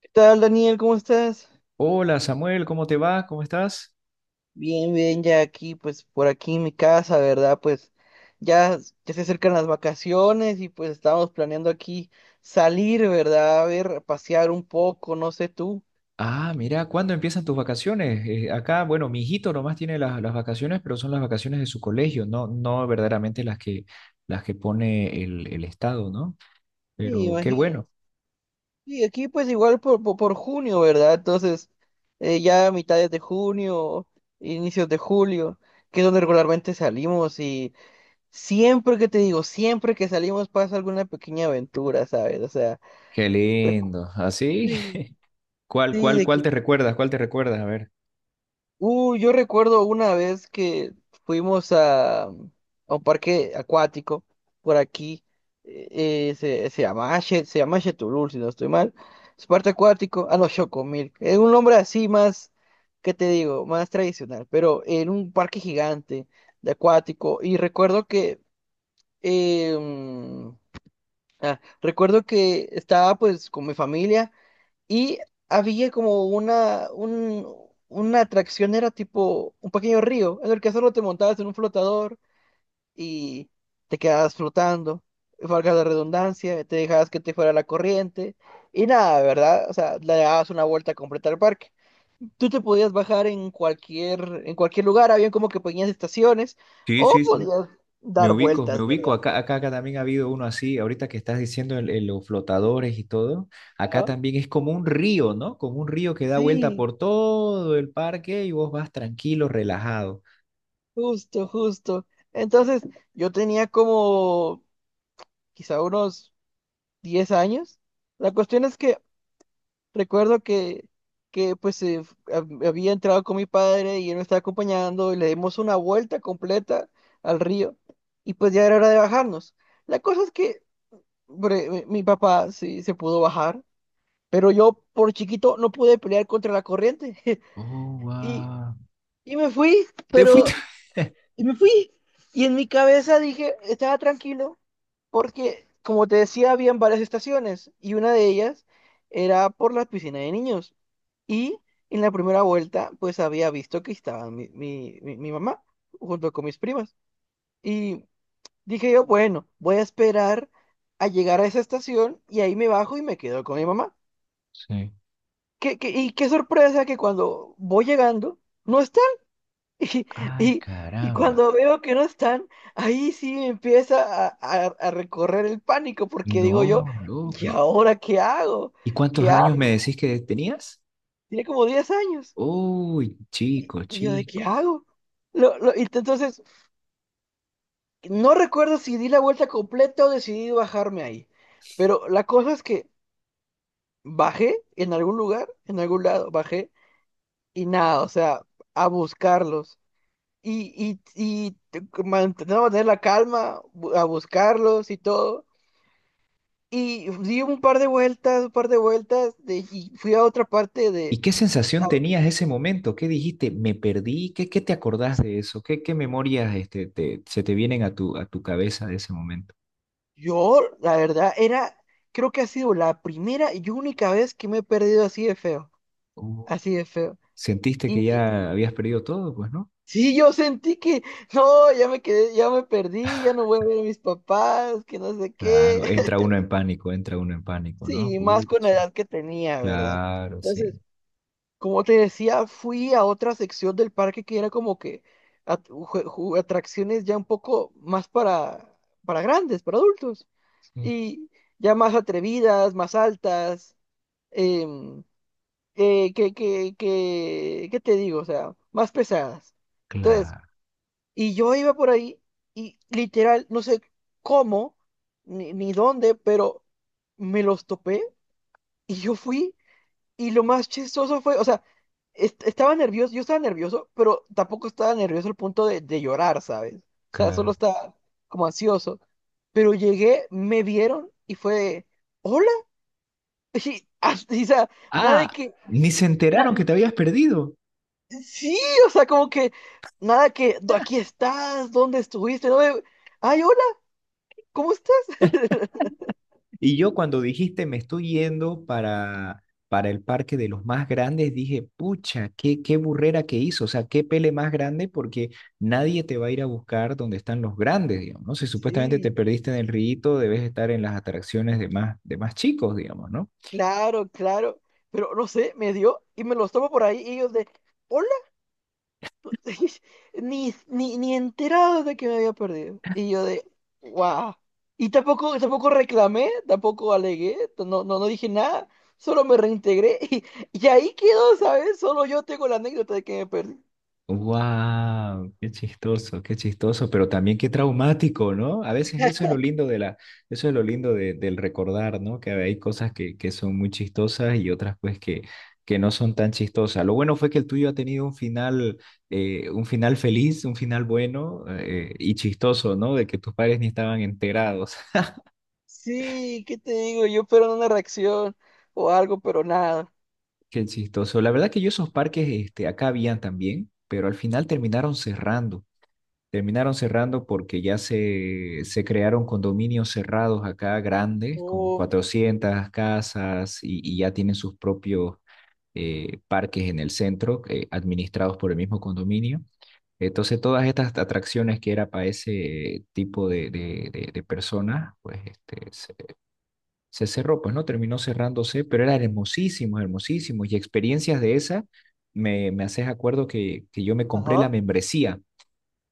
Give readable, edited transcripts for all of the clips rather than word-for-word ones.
¿Qué tal, Daniel? ¿Cómo estás? Hola Samuel, ¿cómo te va? ¿Cómo estás? Bien, bien, ya aquí, pues por aquí en mi casa, ¿verdad? Pues ya, ya se acercan las vacaciones y pues estamos planeando aquí salir, ¿verdad? A ver, pasear un poco, no sé tú. Ah, mira, ¿cuándo empiezan tus vacaciones? Acá, bueno, mi hijito nomás tiene las vacaciones, pero son las vacaciones de su colegio, no verdaderamente las que pone el Estado, ¿no? Sí, Pero qué imagino. bueno, Y aquí pues igual por junio, ¿verdad? Entonces, ya a mitades de junio, inicios de julio, que es donde regularmente salimos y siempre que te digo, siempre que salimos pasa alguna pequeña aventura, ¿sabes? O sea, qué recu- lindo. ¿Así? sí, ¿Cuál, sí, cuál, de cuál que. te recuerdas? ¿Cuál te recuerdas? A ver. Yo recuerdo una vez que fuimos a un parque acuático por aquí, se llama se llama Chetulul, si no estoy mal. Es parque acuático, ah no, Chocomil, es un nombre así más, ¿qué te digo? Más tradicional, pero en un parque gigante de acuático. Y recuerdo que, eh, mm, recuerdo que estaba pues con mi familia. Y había como una atracción, era tipo un pequeño río, en el que solo te montabas en un flotador y te quedabas flotando, valga la redundancia, te dejabas que te fuera la corriente y nada, ¿verdad? O sea, le dabas una vuelta completa al parque. Tú te podías bajar en cualquier lugar, había como que pequeñas estaciones Sí, o sí, sí. podías Me dar ubico, me vueltas, ubico. ¿verdad? Acá también ha habido uno así, ahorita que estás diciendo los flotadores y todo. Acá Ah, también es como un río, ¿no? Como un río que da vuelta sí, por todo el parque y vos vas tranquilo, relajado. justo, justo. Entonces, yo tenía como quizá unos 10 años. La cuestión es que recuerdo que pues había entrado con mi padre y él me estaba acompañando y le dimos una vuelta completa al río y pues ya era hora de bajarnos. La cosa es que mi papá sí se pudo bajar, pero yo por chiquito no pude pelear contra la corriente Oh, y, wow. y me fui, ¿Te fuiste? pero y me fui. Y en mi cabeza dije, estaba tranquilo, porque, como te decía, habían varias estaciones y una de ellas era por la piscina de niños. Y en la primera vuelta, pues había visto que estaba mi mamá junto con mis primas. Y dije yo, bueno, voy a esperar a llegar a esa estación y ahí me bajo y me quedo con mi mamá. Sí. ¿Y qué sorpresa que cuando voy llegando, no está. Y, Ay, y- y caramba. cuando veo que no están, ahí sí empieza a recorrer el pánico, porque digo yo, No, ¿y lógico. ahora qué hago? ¿Y cuántos ¿Qué años me hago? decís que tenías? Tiene como 10 años. Uy, chico, Y yo, ¿de qué chico. hago? Y entonces, no recuerdo si di la vuelta completa o decidí bajarme ahí. Pero la cosa es que bajé en algún lugar, en algún lado, bajé y nada, o sea, a buscarlos. Y, no, mantener la calma, a buscarlos y todo. Y di un par de vueltas, un par de vueltas, y fui a otra parte ¿Y de... qué sensación a- tenías ese momento? ¿Qué dijiste? ¿Me perdí? ¿Qué te acordás de eso? ¿Qué memorias se te vienen a tu cabeza de ese momento? Yo, la verdad, era, creo que ha sido la primera y única vez que me he perdido así de feo, Uh, así de feo. ¿Sentiste Y que ya habías perdido todo? Pues no. sí, yo sentí que, no, ya me quedé, ya me perdí, ya no voy a ver a mis papás, que no sé qué. Claro, entra uno en pánico, entra uno en pánico, ¿no? Sí, más con la Pucha. edad que tenía, ¿verdad? Claro, sí, Entonces, como te decía, fui a otra sección del parque que era como que atracciones ya un poco más para grandes, para adultos, sí, y ya más atrevidas, más altas, em, ¿qué te digo? O sea, más pesadas. Entonces, claro, y yo iba por ahí y literal, no sé cómo, ni dónde, pero me los topé y yo fui. Y lo más chistoso fue, o sea, estaba nervioso, yo estaba nervioso, pero tampoco estaba nervioso al punto de llorar, ¿sabes? O sea, solo claro. estaba como ansioso. Pero llegué, me vieron y fue, de, hola. O sea, nada de Ah, que, ni se enteraron que te habías perdido. sí, o sea, como que, nada que, "Do- aquí estás, ¿dónde estuviste? No, de, ay, hola, ¿cómo estás? Y yo cuando dijiste me estoy yendo para el parque de los más grandes, dije, pucha, qué burrera que hizo, o sea, qué pele más grande porque nadie te va a ir a buscar donde están los grandes, digamos, ¿no? Si supuestamente te Sí, perdiste en el rito, debes estar en las atracciones de más chicos, digamos, ¿no? claro, claro. Pero no sé, me dio y me los tomo por ahí y ellos de, hola. Ni enterado de que me había perdido. Y yo de, wow. Y tampoco, tampoco reclamé, tampoco alegué, no dije nada, solo me reintegré y ahí quedó, ¿sabes? Solo yo tengo la anécdota de que me perdí. Wow, qué chistoso, pero también qué traumático, ¿no? A veces eso es lo lindo de la, eso es lo lindo de- del recordar, ¿no? Que hay cosas que son muy chistosas y otras pues que no son tan chistosas. Lo bueno fue que el tuyo ha tenido un final feliz, un final bueno y chistoso, ¿no? De que tus padres ni estaban enterados. Sí, ¿qué te digo? Yo espero una reacción o algo, pero nada. Qué chistoso. La verdad que yo esos parques, acá habían también, pero al final terminaron cerrando. Terminaron cerrando porque ya se crearon condominios cerrados acá grandes, con Oh, 400 casas y ya tienen sus propios parques en el centro, administrados por el mismo condominio. Entonces, todas estas atracciones que era para ese tipo de personas, se cerró, pues no terminó cerrándose, pero eran hermosísimos, hermosísimos. Y experiencias de esas, me haces acuerdo que yo me compré la ajá, membresía.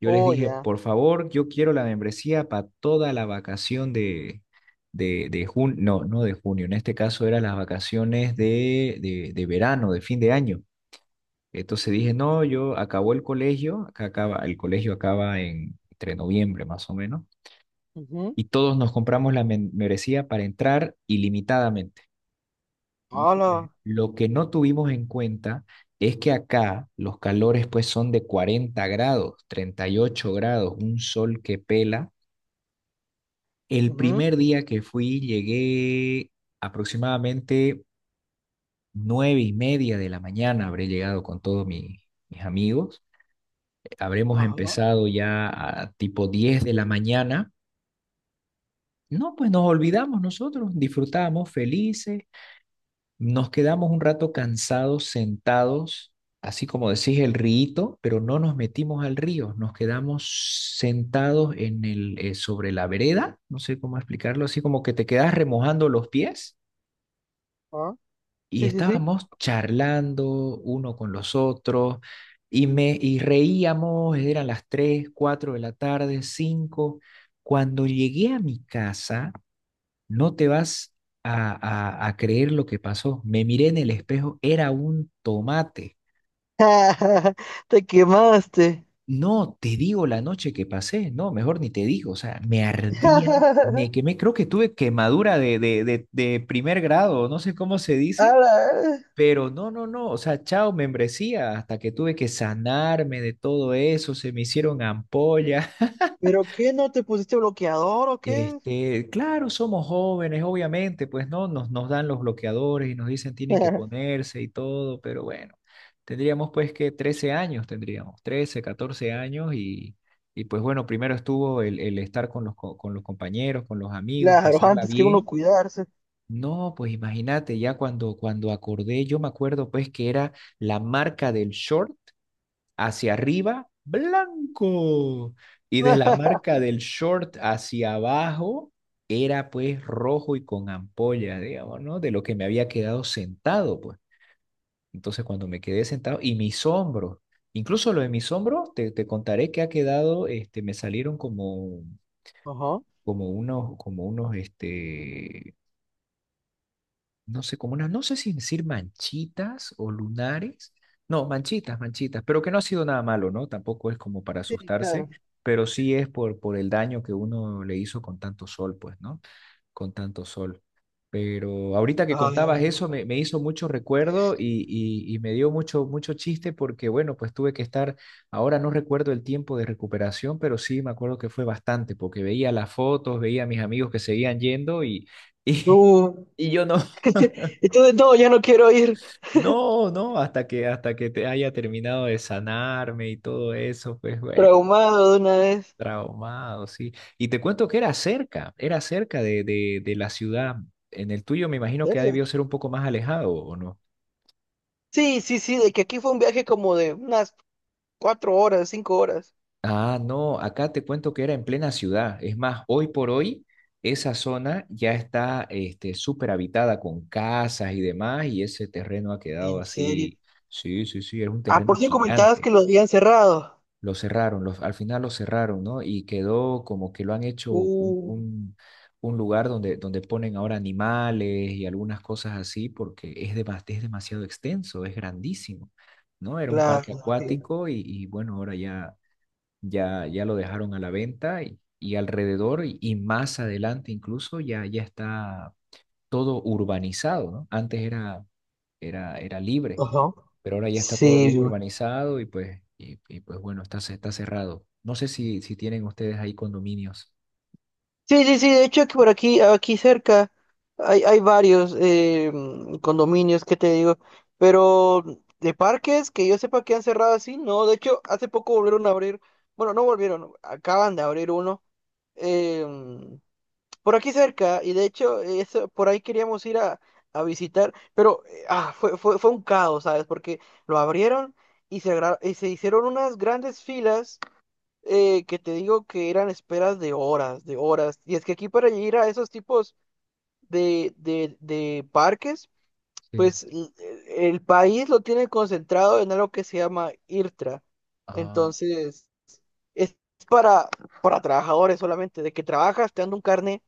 Yo les oh, dije, ya. por favor, yo quiero la membresía para toda la vacación de junio, no de junio, en este caso eran las vacaciones de verano, de fin de año. Entonces dije, no, yo acabó el colegio, el colegio acaba en, entre noviembre más o menos, Ujú. y todos nos compramos la membresía para entrar ilimitadamente. No, pues, Hola. lo que no tuvimos en cuenta es que acá los calores pues son de 40 grados, 38 grados, un sol que pela. El Ujú. primer día que fui llegué aproximadamente 9:30 de la mañana, habré llegado con todos mis amigos. Habremos Ajá. empezado ya a tipo 10 de la mañana. No, pues nos olvidamos nosotros, disfrutamos felices, nos quedamos un rato cansados, sentados, así como decís el río, pero no nos metimos al río, nos quedamos sentados sobre la vereda, no sé cómo explicarlo, así como que te quedas remojando los pies Ah, y sí, sí, sí. estábamos charlando uno con los otros y me y reíamos, eran las 3, 4 de la tarde, 5. Cuando llegué a mi casa, no te vas a, a creer lo que pasó. Me miré en el espejo, era un tomate. Te quemaste. No te digo la noche que pasé, no, mejor ni te digo, o sea, me ardía, me quemé, creo que tuve quemadura de primer grado, no sé cómo se dice. Ala. Pero no, no, no, o sea, chao, membresía, hasta que tuve que sanarme de todo eso, se me hicieron ampollas. ¿Pero qué? ¿No te pusiste bloqueador o qué? Claro, somos jóvenes, obviamente, pues no, nos dan los bloqueadores y nos dicen tienen que ponerse y todo, pero bueno, tendríamos pues que 13 años, tendríamos 13, 14 años, y pues bueno, primero estuvo el estar con los compañeros, con los amigos, Claro, pasarla antes que uno bien. cuidarse. No, pues imagínate, ya cuando acordé, yo me acuerdo pues que era la marca del short hacia arriba, blanco, y de la marca del short hacia abajo, era pues rojo y con ampolla, digamos, ¿no? De lo que me había quedado sentado, pues. Entonces cuando me quedé sentado, y mis hombros, incluso lo de mis hombros, te contaré que ha quedado, me salieron como, Ajá. como unos, como unos, este no sé, como una, no sé si decir manchitas o lunares. No, manchitas, manchitas, pero que no ha sido nada malo, ¿no? Tampoco es como para Sí, asustarse, claro. pero sí es por el daño que uno le hizo con tanto sol, pues, ¿no? Con tanto sol. Pero ahorita que Ay, ay, contabas eso me hizo mucho recuerdo y me dio mucho, mucho chiste porque, bueno, pues tuve que estar, ahora no recuerdo el tiempo de recuperación, pero sí me acuerdo que fue bastante porque veía las fotos, veía a mis amigos que seguían yendo y, uh, y yo no. entonces no, ya no quiero ir No, no, hasta que, te haya terminado de sanarme y todo eso, pues bueno, traumado de una vez. traumado, sí. Y te cuento que era cerca de la ciudad. En el tuyo me imagino ¿En que ha debido serio? ser un poco más alejado, ¿o no? Sí, sí, sí, de que aquí fue un viaje como de unas cuatro horas, cinco horas. Ah, no, acá te cuento que era en plena ciudad. Es más, hoy por hoy esa zona ya está súper habitada con casas y demás, y ese terreno ha quedado ¿En serio? así. Sí, sí, sí, era un Ah, terreno por si comentabas gigante. que lo habían cerrado. Lo cerraron, al final lo cerraron, ¿no? Y quedó como que lo han hecho Uh, un lugar donde ponen ahora animales y algunas cosas así, porque es demasiado extenso, es grandísimo, ¿no? Era un claro. parque Sí. acuático y bueno, ahora ya, ya lo dejaron a la venta y alrededor y más adelante incluso ya, ya, está todo urbanizado, ¿no? Antes era libre, Ajá. pero ahora ya está todo bien Sí, urbanizado y pues, y pues bueno, está, está cerrado. No sé si tienen ustedes ahí condominios. sí, sí, sí, de hecho que por aquí, aquí cerca hay, hay varios condominios que te digo, pero de parques que yo sepa que han cerrado así, no, de hecho hace poco volvieron a abrir, bueno, no volvieron, acaban de abrir uno eh, mm, por aquí cerca y de hecho eso, por ahí queríamos ir a visitar, pero fue un caos, ¿sabes? Porque lo abrieron y se hicieron unas grandes filas que te digo que eran esperas de horas, de horas. Y es que aquí para ir a esos tipos de parques, Sí. pues el país lo tiene concentrado en algo que se llama IRTRA. Ah, Entonces, es para, para trabajadores solamente, de que trabajas, te dan un carnet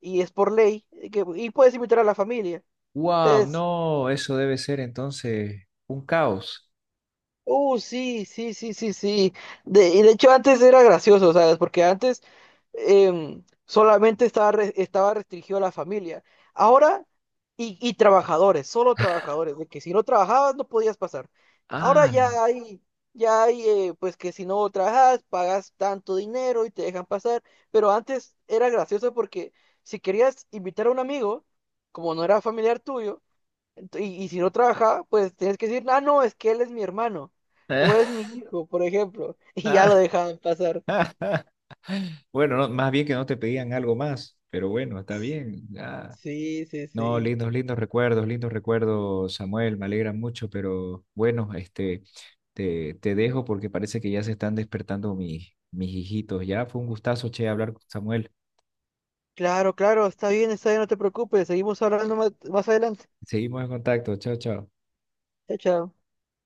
y es por ley, y, que, y puedes invitar a la familia. wow, Entonces, no, eso debe ser entonces un caos. uh, sí, sí, sí, sí, sí. De, y de hecho antes era gracioso, ¿sabes? Porque antes solamente estaba, estaba restringido a la familia. Ahora, y trabajadores, solo trabajadores, de que si no trabajabas no podías pasar. Ahora Ah, ya hay, pues que si no trabajas, pagas tanto dinero y te dejan pasar. Pero antes era gracioso porque si querías invitar a un amigo, como no era familiar tuyo, Y si no trabaja, pues tienes que decir, ah, no, es que él es mi hermano o es mi hijo, por ejemplo, y ya lo dejaban pasar. Bueno, no, más bien que no te pedían algo más, pero bueno, está bien. Sí, sí, No, sí. lindos, lindos recuerdos, Samuel, me alegra mucho, pero bueno, te dejo porque parece que ya se están despertando mis hijitos. Ya fue un gustazo, che, hablar con Samuel. Claro, claro, está bien, no te preocupes, seguimos hablando más, más adelante. Seguimos en contacto, chao, chao. Chao, chao.